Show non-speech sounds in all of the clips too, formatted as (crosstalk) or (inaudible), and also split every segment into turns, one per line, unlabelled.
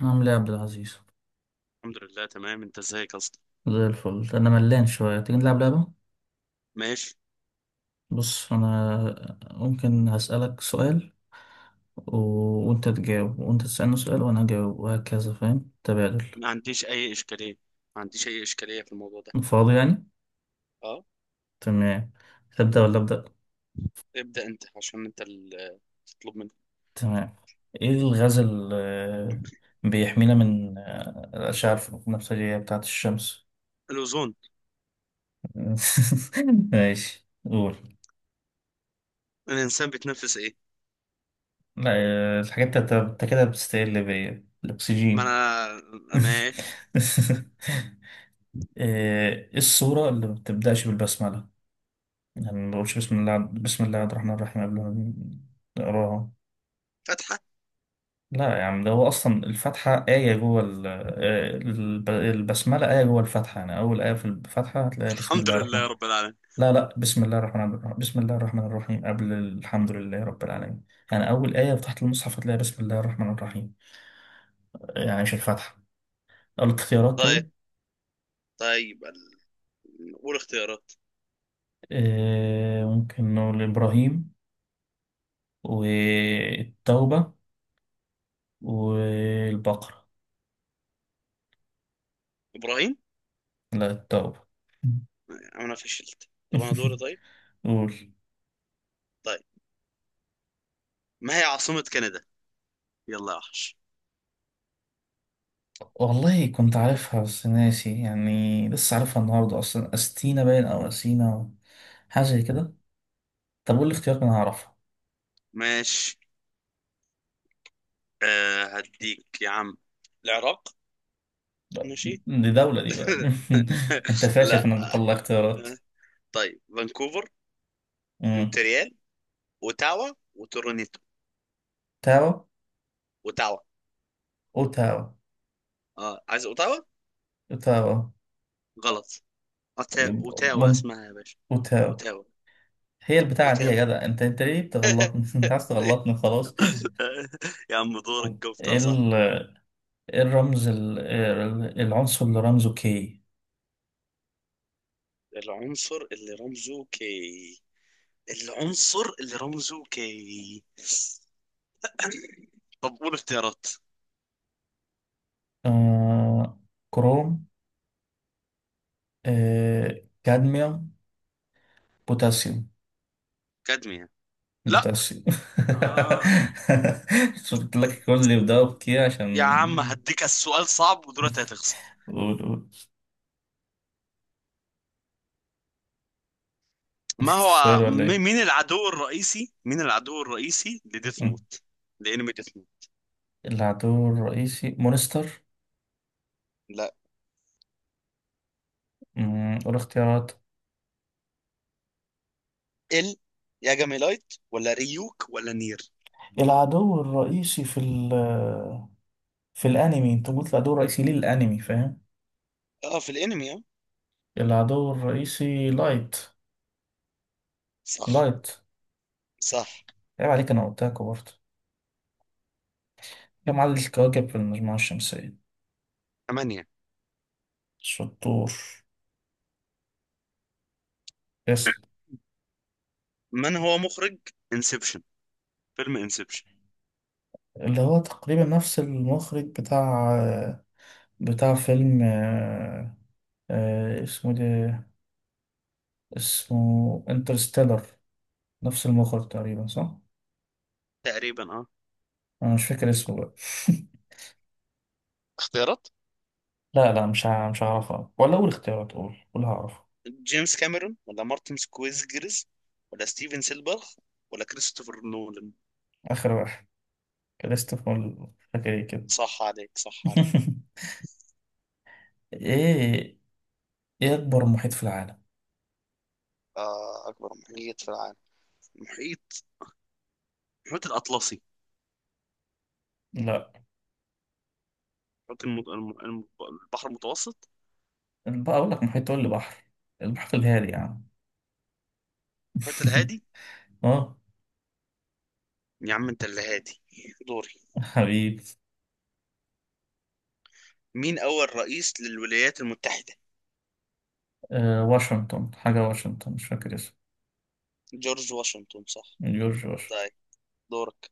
عامل ايه يا عبد العزيز؟
الحمد لله تمام. انت ازيك اصلا؟
زي الفل. انا ملان شويه، تيجي نلعب لعبه؟
ماشي.
بص، انا ممكن هسألك سؤال و... وانت تجاوب، وانت تسألني سؤال وانا اجاوب، وهكذا. فاهم؟ تبادل.
ما عنديش اي اشكاليه، ما عنديش اي اشكاليه في الموضوع ده.
فاضي يعني؟
اه.
تمام. تبدأ ولا أبدأ؟
ابدا انت، عشان انت اللي تطلب مني.
تمام. ايه الغاز اللي بيحمينا من الأشعة البنفسجية بتاعة الشمس؟
الاوزون.
(laughs) ماشي، قول.
الانسان بيتنفس ايه؟
لا. الحاجات انت كده بتستقل بيا،
ما
الأكسجين.
انا ماشي.
(laughs) ايه الصورة اللي ما بتبدأش بالبسملة؟ يعني ما بقولش بسم الله، بسم الله الرحمن الرحيم قبل ما نقراها.
فتحه.
لا يا عم، ده هو أصلا الفاتحة آية جوه البسملة، آية جوه الفاتحة. يعني أول آية في الفاتحة هتلاقي بسم
الحمد
الله
لله
الرحمن.
رب العالمين.
لا لا، بسم الله الرحمن الرحيم، بسم الله الرحمن الرحيم قبل الحمد لله رب العالمين. يعني أول آية تحت المصحف هتلاقي بسم الله الرحمن الرحيم، يعني مش الفاتحة. الاختيارات،
طيب،
طيب.
طيب قول اختيارات.
ممكن نقول إبراهيم والتوبة والبقرة.
ابراهيم.
لا، التوبة.
انا فشلت. طب انا دوري.
(laughs)
طيب،
قول.
طيب، ما هي عاصمه كندا؟ يلا يا وحش.
والله كنت عارفها بس ناسي، يعني لسه عارفها النهاردة أصلا، أستينا باين أو أسينا أو حاجة زي كده. طب قول لي اختيارات أنا هعرفها.
ماشي. أه هديك يا عم. العراق.
(laughs)
ماشي.
دي دولة دي بقى.
(laughs)
(laughs) أنت فاشل في
لا.
إنك تطلع اختيارات.
آه، طيب، فانكوفر،
مم.
مونتريال، اوتاوا، وتورونيتو.
تاو.
اوتاوا.
أوتاو.
اه، عايز اوتاوا.
أوتاو.
غلط.
يبقى
اوتاوا
مون،
اسمها يا باشا.
أوتاو.
اوتاوا.
هي البتاعة دي
اوتاوا.
يا جدع. أنت ليه بتغلطني؟ (laughs) أنت
(laughs)
عايز تغلطني، خلاص.
يا عم، دورك.
(laughs) إيه؟
جبتها صح.
إيه الرمز العنصر اللي رمزه كي؟
العنصر اللي رمزه كي؟ العنصر اللي رمزه كي. طب قول اختيارات.
آه، كروم. آه، كادميوم. بوتاسيوم.
كادميا. لا.
بوتاسيوم.
آه.
(laughs) شو قلت لك؟ كل اللي بدأوا بكي
يا عم
عشان.
هديك السؤال صعب ودلوقتي هتخسر.
(laughs) قول قول.
ما
نسيت السؤال
هو
ولا
م-
ايه؟
مين العدو الرئيسي، مين العدو الرئيسي لديث
مم.
نوت؟ لانمي ديث نوت.
العدو الرئيسي مونستر.
لا.
مم، قول اختيارات.
ال لايت، ولا ريوك، ولا نير.
العدو الرئيسي في ال، في الانمي انت قلت العدو الرئيسي للانمي، فاهم.
اه، في الانمي اه.
العدو الرئيسي لايت.
صح.
لايت.
صح.
عيب عليك، أنا قلتها برضه. كم عدد الكواكب في المجموعة الشمسية؟
ثمانية.
شطور. يس.
من هو مخرج انسبشن؟ فيلم انسبشن.
اللي هو تقريبا نفس المخرج بتاع بتاع فيلم اسمه ده، اسمه انترستيلر. نفس المخرج تقريبا، صح؟
تقريبا اه.
أنا مش فاكر اسمه بقى. (laughs)
اختيارات.
لا لا، مش هعرفها ولا أول اختيارات، قول قول هعرفها.
جيمس كاميرون، ولا مارتن سكويزجرز، ولا ستيفن سيلبرغ، ولا كريستوفر نولان.
آخر واحد، كريستوفر. مش فاكر إيه كده.
صح عليك، صح عليك.
(laughs) إيه؟ إيه أكبر محيط في العالم؟
آه، أكبر محيط في العالم. المحيط، المحيط الأطلسي.
لا.
المحيط الم... الم... الم- البحر المتوسط.
بقى أقول لك محيط تقول لي بحر؟ المحيط الهادي يا عم.
المحيط
(laughs)
الهادي.
أه.
يا عم أنت اللي هادي. دوري.
حبيبي.
مين أول رئيس للولايات المتحدة؟
آه، واشنطن حاجة، واشنطن مش فاكر اسمه.
جورج واشنطن. صح.
جورج واشنطن.
طيب دورك.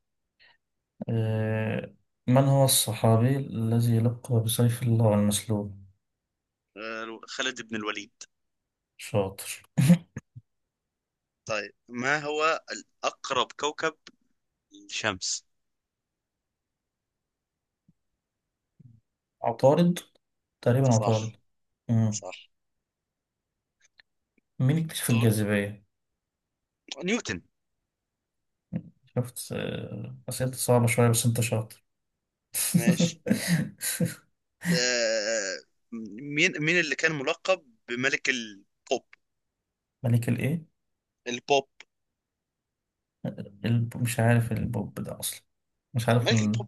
آه. من هو الصحابي الذي يلقب بسيف الله المسلول؟
خالد بن الوليد.
شاطر. (laughs)
طيب، ما هو الأقرب كوكب للشمس؟
عطارد. تقريبا عطارد.
صح.
مم.
صح.
مين اكتشف
دور.
الجاذبية؟
نيوتن.
شفت؟ آه، أسئلة صعبة شوية بس أنت شاطر.
ماشي.
(laughs)
آه، مين اللي كان ملقب بملك البوب؟
ملك الإيه؟
البوب.
مش عارف البوب ده أصلا، مش عارف.
ملك البوب.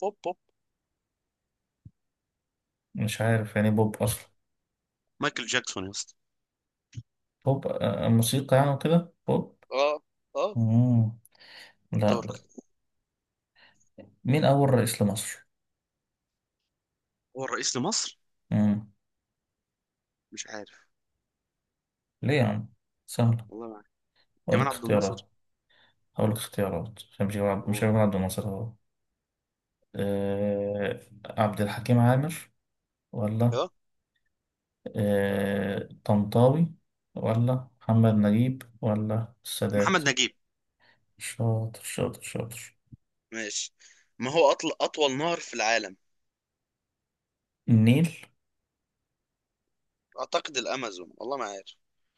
بوب بوب.
مش عارف يعني بوب أصلا.
مايكل جاكسون يا اسطى.
بوب، موسيقى يعني وكده بوب.
اه. اه.
مم. لا
دورك.
لا. مين أول رئيس لمصر؟
هو الرئيس لمصر؟
مم.
مش عارف.
ليه يا عم؟ سهلة.
والله ما عارف.
أقول
جمال
لك
عبد الناصر.
اختيارات. أقول لك اختيارات، عشان مش هجيب مش
و-
هجيب عبد الناصر هو. أه... عبد الحكيم عامر ولا
اه،
طنطاوي ولا محمد نجيب ولا السادات.
محمد نجيب.
شاطر شاطر شاطر.
ماشي. ما هو أطل... أطول نهر في العالم؟
النيل.
اعتقد الامازون، والله ما عارف.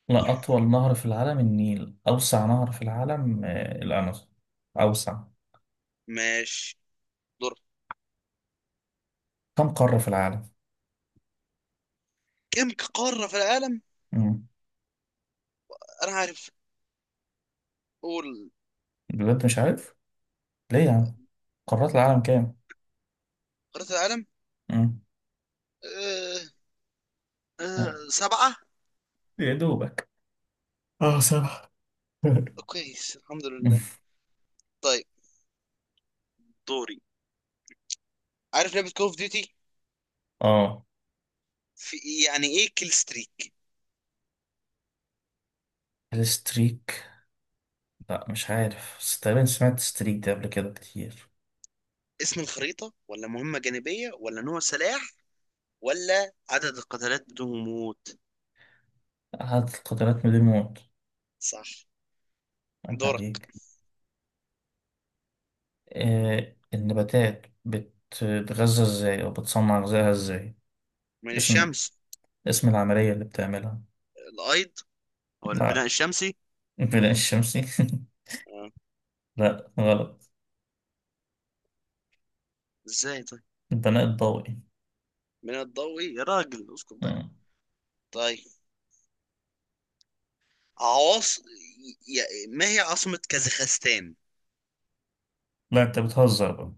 لا، أطول نهر في العالم النيل. أوسع نهر في العالم الأمازون أوسع.
ماشي، دور.
كم قارة في العالم؟
كم قارة في العالم؟
مم.
انا عارف. قول.
بجد مش عارف؟ ليه يا عم؟ قارات العالم كام؟
قارة العالم.
مم.
أه. أه
آه،
سبعة.
يا دوبك. اه صح. (laughs)
كويس الحمد
مم.
لله. طيب، دوري. عارف لعبة كول اوف ديوتي؟
اه
في، يعني ايه كيل ستريك؟
الستريك. لا مش عارف، بس تقريبا سمعت الستريك ده قبل كده كتير.
اسم الخريطة، ولا مهمة جانبية، ولا نوع سلاح، ولا عدد القتالات بدون موت؟
عدد القطرات من الموت.
صح.
عيب
دورك.
عليك. آه، النباتات بتتغذى ازاي او بتصنع غذائها ازاي؟
من
اسم،
الشمس.
اسم العملية اللي بتعملها.
الايض، او البناء
لا.
الشمسي.
البناء الشمسي؟ (laughs)
آه.
لا غلط.
ازاي طيب.
البناء الضوئي.
من الضوئي يا راجل اسكت بقى.
مم.
طيب، عواص ما هي عاصمة كازاخستان؟
لا انت بتهزر بقى.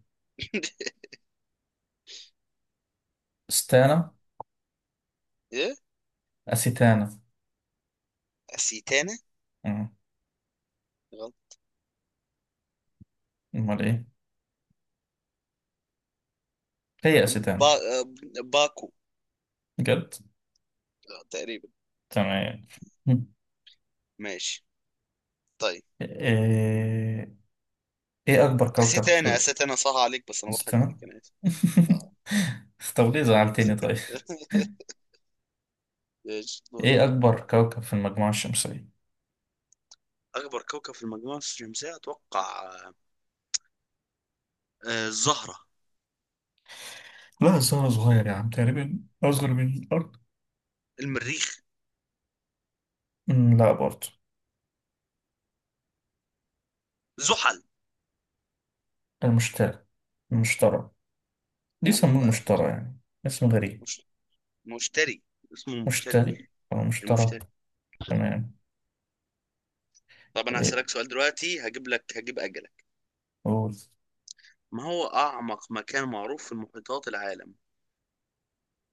ستانا.
ايه؟
أسيتانا.
أسيتانا؟
مم.
غلط.
أمال إيه؟ هي
با...
أسيتانا.
باكو.
بجد؟
تقريبا.
تمام. مم.
ماشي. طيب.
إيه؟ إيه أكبر كوكب في
أسيتانا،
ال-؟
أسيتانا، صح عليك، بس أنا بضحك
استنى.
عليك، أنا آسف. آه.
(laughs) طب ليه زعلتني طيب؟
(laughs) ماشي، دورك.
إيه أكبر كوكب في المجموعة الشمسية؟
أكبر كوكب في المجموعة الشمسية أتوقع الزهرة.
لا، الزهرة صغير يا عم، تقريبا أصغر من الأرض.
المريخ.
مم، لا برضه.
زحل.
المشتري. المشترى. دي
يا عم
يسموه
بقى.
المشترى يعني. اسم غريب.
مش... مشتري. اسمه مشتري.
مشتري أو مشترى.
المشتري.
تمام.
طب أنا
إيه؟
هسألك سؤال دلوقتي، هجيب لك، هجيب أجلك.
قول.
ما هو أعمق مكان معروف في المحيطات العالم؟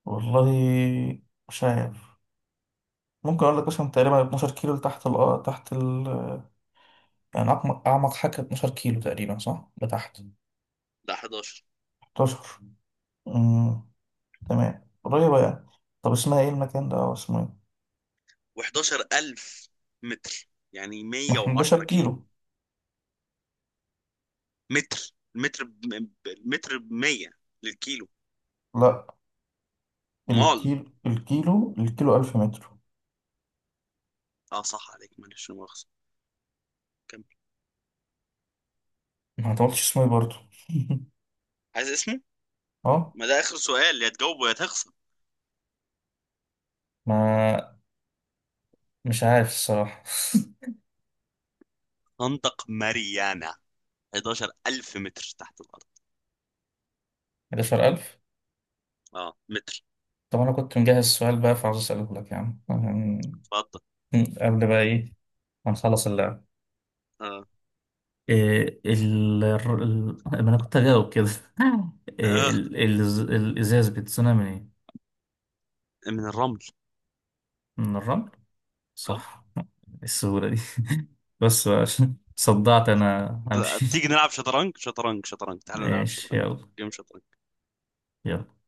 والله مش عارف. ممكن اقول لك مثلا تقريبا 12 كيلو لتحت ال، تحت ال، يعني اعمق حاجه 12 كيلو تقريبا صح لتحت.
ده 11.
11. امم تمام، قريبه يعني. طب اسمها ايه المكان ده او اسمه ايه؟
و11000 متر، يعني
ما احنا 11
110 كيلو
كيلو.
متر. المتر ب 100 للكيلو.
لا،
مال.
الكيلو 1000 متر.
اه صح عليك، معلش لا مؤاخذة. كمل.
ما انت ما قلتش اسمه ايه برضه. (laughs)
عايز اسمه؟
اه.
ما ده آخر سؤال، يا تجاوبه يا تخسر.
ما، مش عارف الصراحه.
خندق ماريانا، 11000 متر تحت الأرض.
(laughs) 11000.
اه متر.
طب انا كنت مجهز السؤال بقى فعاوز اساله لك يا عم عشان.
اتفضل.
(laughs) قبل بقى ايه ما نخلص اللعب.
اه.
إيه ما انا كنت هجاوب كده. (laughs) إيه
اه،
الازاز بيتصنع من ايه؟
من الرمل.
من الرمل.
اه.
صح. (laughs) السهولة دي. (laughs) بس بقى عشان صدعت انا همشي. (laughs)
تيجي نلعب شطرنج، شطرنج شطرنج، تعالوا نلعب
ماشي
شطرنج.
يلا.
جيم شطرنج.
يلا.